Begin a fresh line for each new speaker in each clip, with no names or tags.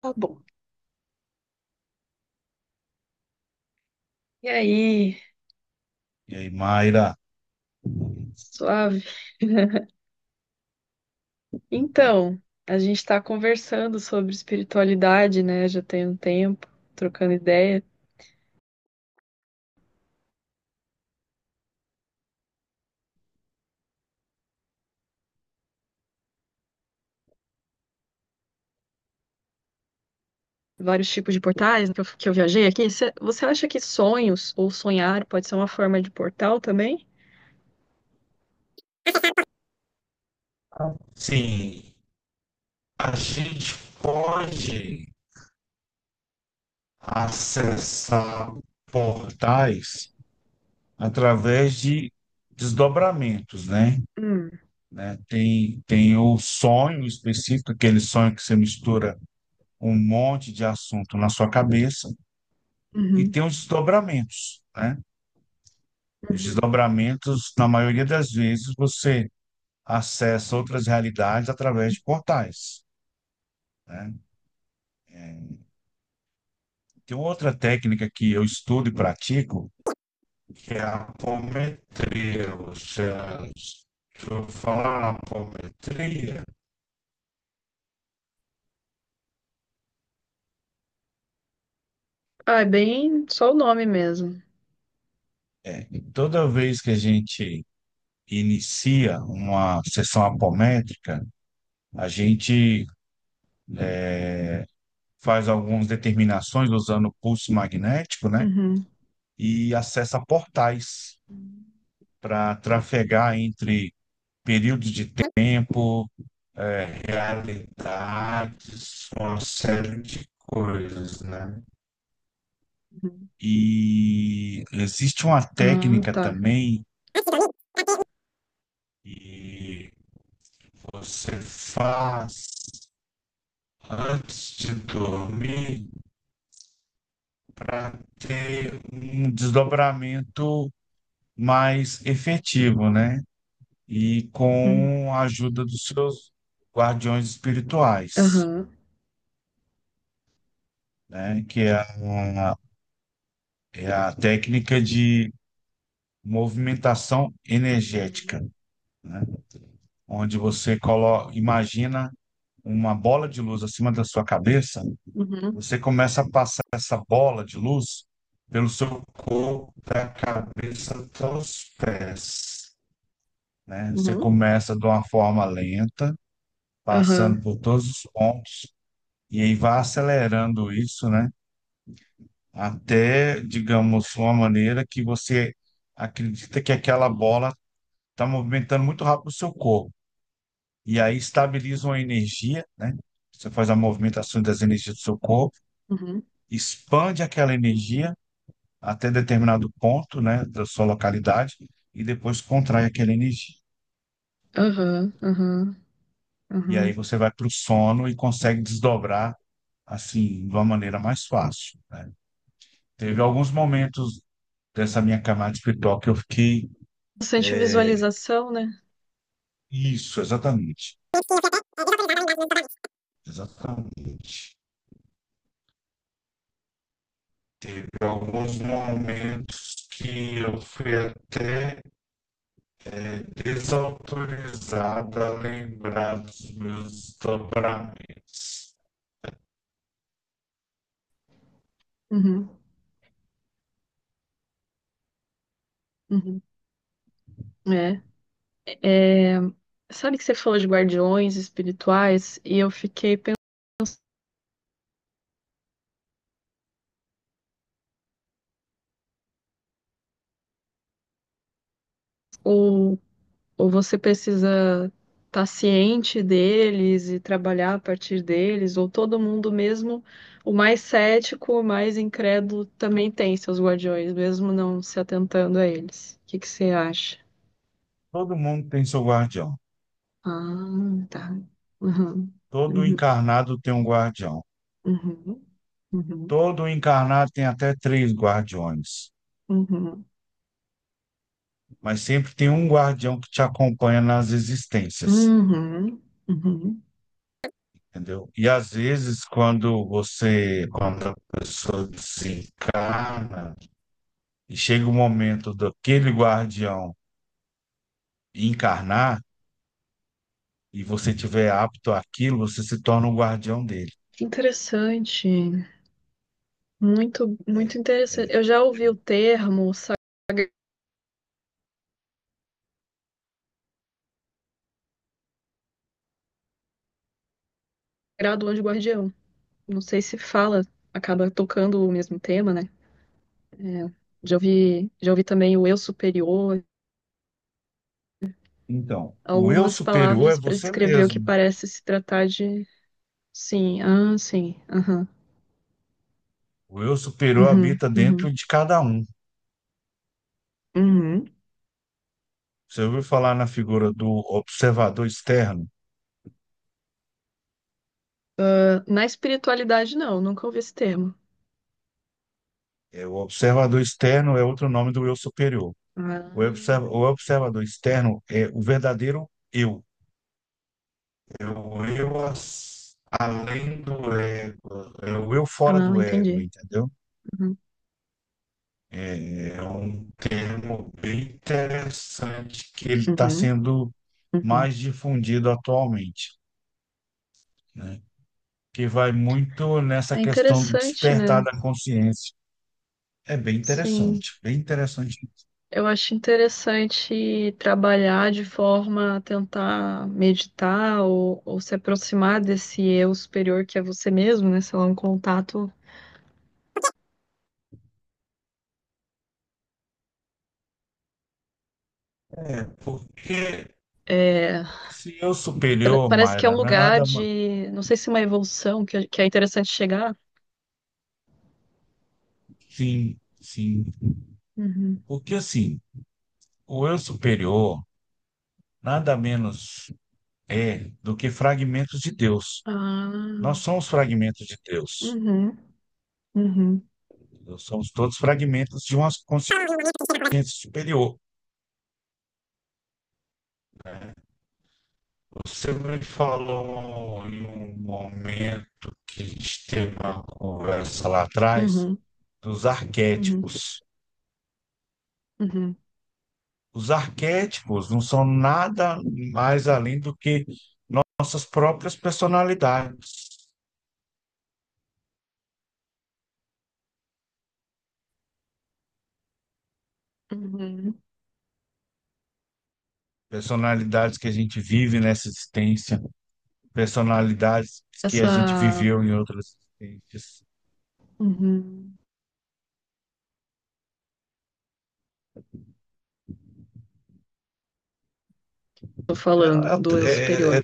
Tá bom. E aí,
E aí, Mayra?
suave. Então, a gente está conversando sobre espiritualidade, né? Já tem um tempo, trocando ideia, vários tipos de portais que eu viajei aqui. Você acha que sonhos ou sonhar pode ser uma forma de portal também?
Sim, a gente pode acessar portais através de desdobramentos, né?
Hum,
Tem o sonho específico, aquele sonho que você mistura um monte de assunto na sua cabeça, e
uhum,
tem os desdobramentos, né? Os
uhum.
desdobramentos, na maioria das vezes, você acessa outras realidades através de portais, né? Tem outra técnica que eu estudo e pratico, que é a apometria. Ou seja, deixa eu falar a apometria.
Ah, é bem só o nome mesmo.
Toda vez que a gente inicia uma sessão apométrica, a gente faz algumas determinações usando o pulso magnético, né?
Uhum,
E acessa portais para trafegar entre períodos de tempo, realidades, uma série de coisas, né?
uhum.
E existe uma
Ah,
técnica
tá.
também que você faz antes de dormir para ter um desdobramento mais efetivo, né? E
Hum,
com a ajuda dos seus guardiões espirituais,
aham.
né? Que é é a técnica de movimentação
Uhum.
energética, né? Onde imagina uma bola de luz acima da sua cabeça,
Uhum.
você começa a passar essa bola de luz pelo seu corpo, da cabeça até os pés, né? Você
Uhum.
começa de uma forma lenta,
Aham.
passando por todos os pontos, e aí vai acelerando isso, né? Até, digamos, uma maneira que você acredita que aquela bola está movimentando muito rápido o seu corpo. E aí estabiliza uma energia, né? Você faz a movimentação das energias do seu corpo,
Uhum.
expande aquela energia até determinado ponto, né, da sua localidade, e depois contrai aquela energia.
Aham. Aham.
E aí
Aham.
você vai para o sono e consegue desdobrar assim de uma maneira mais fácil, né? Teve alguns momentos dessa minha camada espiritual que eu fiquei
Bastante
é,
visualização, né?
isso, exatamente, exatamente. Teve alguns momentos que eu fui até desautorizada a lembrar dos meus desdobramentos.
Uhum, uhum. É. Sabe que você falou de guardiões espirituais e eu fiquei pensando, ou, ou você precisa estar ciente deles e trabalhar a partir deles, ou todo mundo, mesmo o mais cético, o mais incrédulo, também tem seus guardiões, mesmo não se atentando a eles. O que que você acha?
Todo mundo tem seu guardião.
Ah, tá. Uhum,
Todo
uhum,
encarnado tem um guardião.
uhum, uhum,
Todo encarnado tem até três guardiões,
uhum,
mas sempre tem um guardião que te acompanha nas existências,
uhum, uhum.
entendeu? E às vezes, quando a pessoa desencarna, e chega o momento daquele guardião encarnar, e você tiver apto àquilo, você se torna o guardião dele.
Que interessante. Muito, muito interessante. Eu já ouvi o termo Sagrado Anjo Guardião. Não sei se fala, acaba tocando o mesmo tema, né? É, já ouvi também o Eu Superior.
Então, o eu
Algumas
superior é
palavras para
você
descrever o que
mesmo.
parece se tratar de. Sim, ah, sim, aham,
O eu superior
uhum,
habita
uhum,
dentro de cada um.
uhum.
Você ouviu falar na figura do observador externo?
Ah, na espiritualidade, não, nunca ouvi esse termo.
É, o observador externo é outro nome do eu superior.
Ah,
O observador externo é o verdadeiro eu. Além do ego. É o eu fora
ah,
do ego,
entendi.
entendeu?
Uhum,
É um termo bem interessante que ele está
uhum,
sendo
uhum.
mais difundido atualmente, né? Que vai muito nessa
É
questão do
interessante,
despertar
né?
da consciência. É bem
Sim.
interessante, bem interessante.
Eu acho interessante trabalhar de forma a tentar meditar ou se aproximar desse eu superior que é você mesmo, né? Sei lá, um contato.
Porque
É,
esse eu superior,
parece que é um
Mayra, não é
lugar
nada.
de. Não sei se é uma evolução que é interessante chegar.
Sim, sim.
Uhum.
Porque assim, o eu superior nada menos é do que fragmentos de Deus. Nós
Ah,
somos fragmentos de Deus.
uhum, uhum,
Nós somos todos fragmentos de uma consciência superior. Você me falou em um momento que a gente teve uma conversa lá atrás
uhum,
dos
uhum,
arquétipos.
uhum,
Os arquétipos não são nada mais além do que nossas próprias personalidades,
uhum.
personalidades que a gente vive nessa existência, personalidades que a gente
Essa.
viveu em outras existências.
Uhum. Tô
É,
falando do eu
é, é,
superior.
é,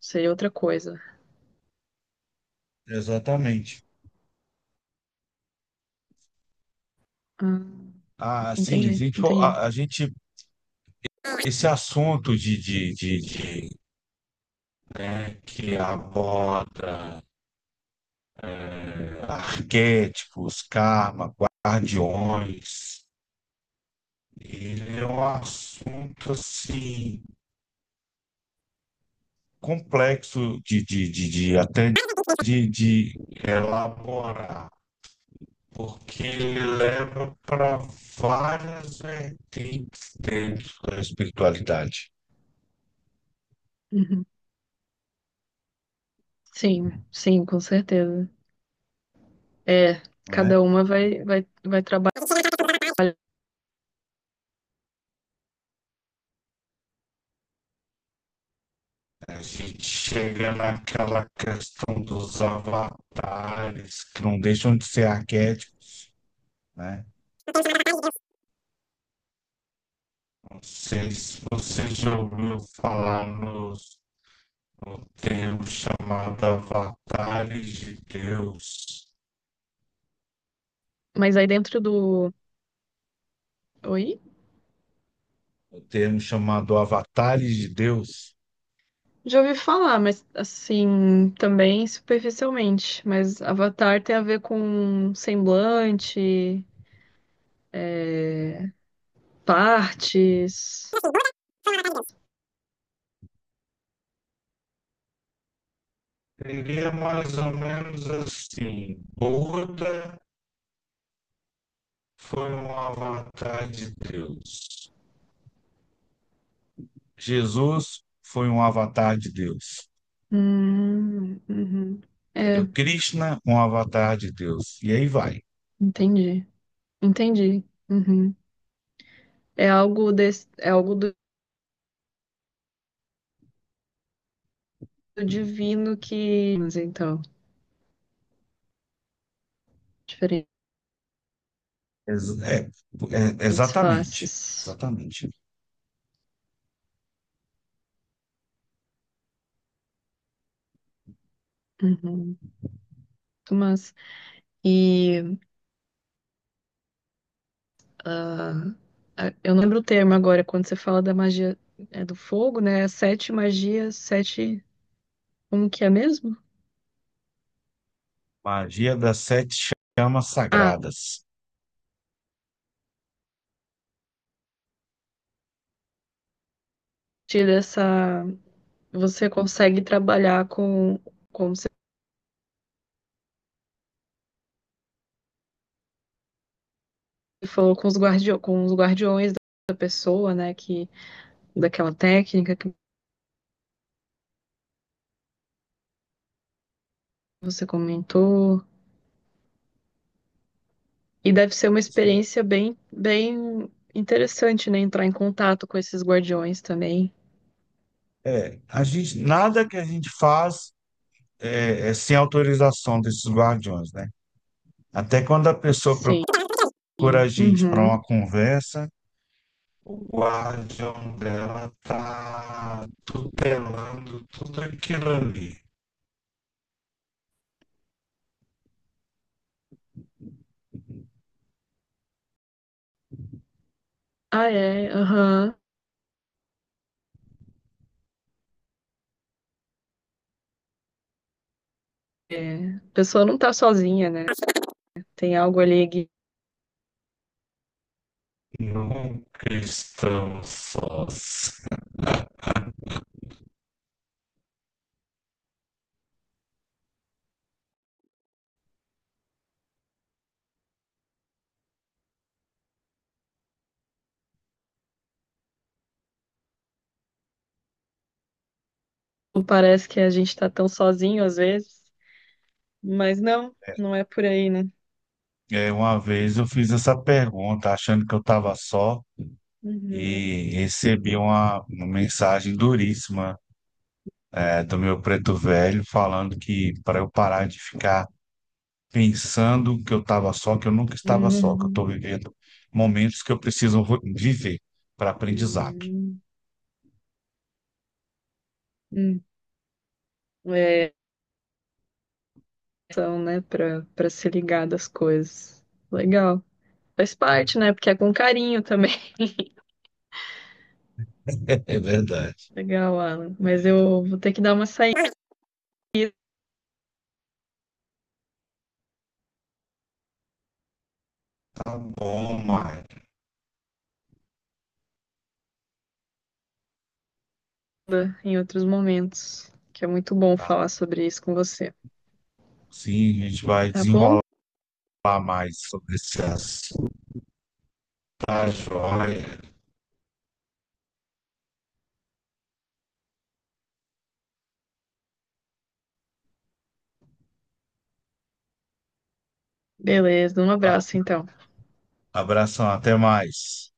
Seria outra coisa.
exatamente.
Ah,
Ah, sim, a
entendi,
gente,
entendi.
a, a gente esse assunto né, que aborda arquétipos, karma, guardiões. Ele é um assunto assim complexo de até de elaborar, porque ele leva para várias vertentes dentro da espiritualidade.
Sim, sim, com certeza. É,
Não é?
cada uma vai trabalhar.
A gente chega naquela questão dos avatares, que não deixam de ser arquétipos, né? Não sei se você já ouviu falar nos o termo chamado avatares de Deus,
Mas aí dentro do. Oi?
o termo chamado avatares de Deus,
Já ouvi falar, mas assim, também superficialmente. Mas Avatar tem a ver com semblante, é, partes.
seria mais ou menos assim: Buda foi um avatar de Deus, Jesus foi um avatar de Deus,
Uhum.
entendeu?
É,
Krishna, um avatar de Deus, e aí vai.
entendi. Entendi. Uhum. É algo desse, é algo do do divino que. Mas então, diferentes
Ex- é- Exatamente,
faces.
exatamente.
Uhum. Muito massa. E ah, eu não lembro o termo agora, quando você fala da magia é, do fogo, né? Sete magias, sete. Como que é mesmo?
Magia das sete chamas
Ah, a
sagradas.
partir dessa. Você consegue trabalhar com, como você falou, com os guardiões da pessoa, né? Que, daquela técnica que você comentou. E deve ser uma
Sim.
experiência bem, bem interessante, né? Entrar em contato com esses guardiões também.
É, a gente, nada que a gente faz é, é sem autorização desses guardiões, né? Até quando a pessoa
Sim.
procura a gente para
Uhum.
uma conversa, o guardião dela está tutelando tudo aquilo ali.
Ah, é. Aham. É, a pessoa não tá sozinha, né? Tem algo ali que
Nunca estamos sós.
não parece que a gente tá tão sozinho às vezes, mas não, não é por aí, né?
É, uma vez eu fiz essa pergunta achando que eu estava só
Uhum,
e recebi uma mensagem duríssima, é, do meu preto velho falando que para eu parar de ficar pensando que eu estava só, que eu nunca estava só, que eu estou
uhum,
vivendo momentos que eu viver para aprendizado.
uhum, uhum. É, são, né, pra, pra se ligar das coisas. Legal. Faz parte, né? Porque é com carinho também.
É verdade.
Legal, Alan. Mas eu vou ter que dar uma saída
Tá bom, Maia.
em outros momentos, que é muito bom
Tá.
falar sobre isso com você.
Sim, a gente vai
Tá bom?
desenrolar mais sobre esse assunto. Tá, joia.
Beleza, um
Tá?
abraço então.
Abração, até mais.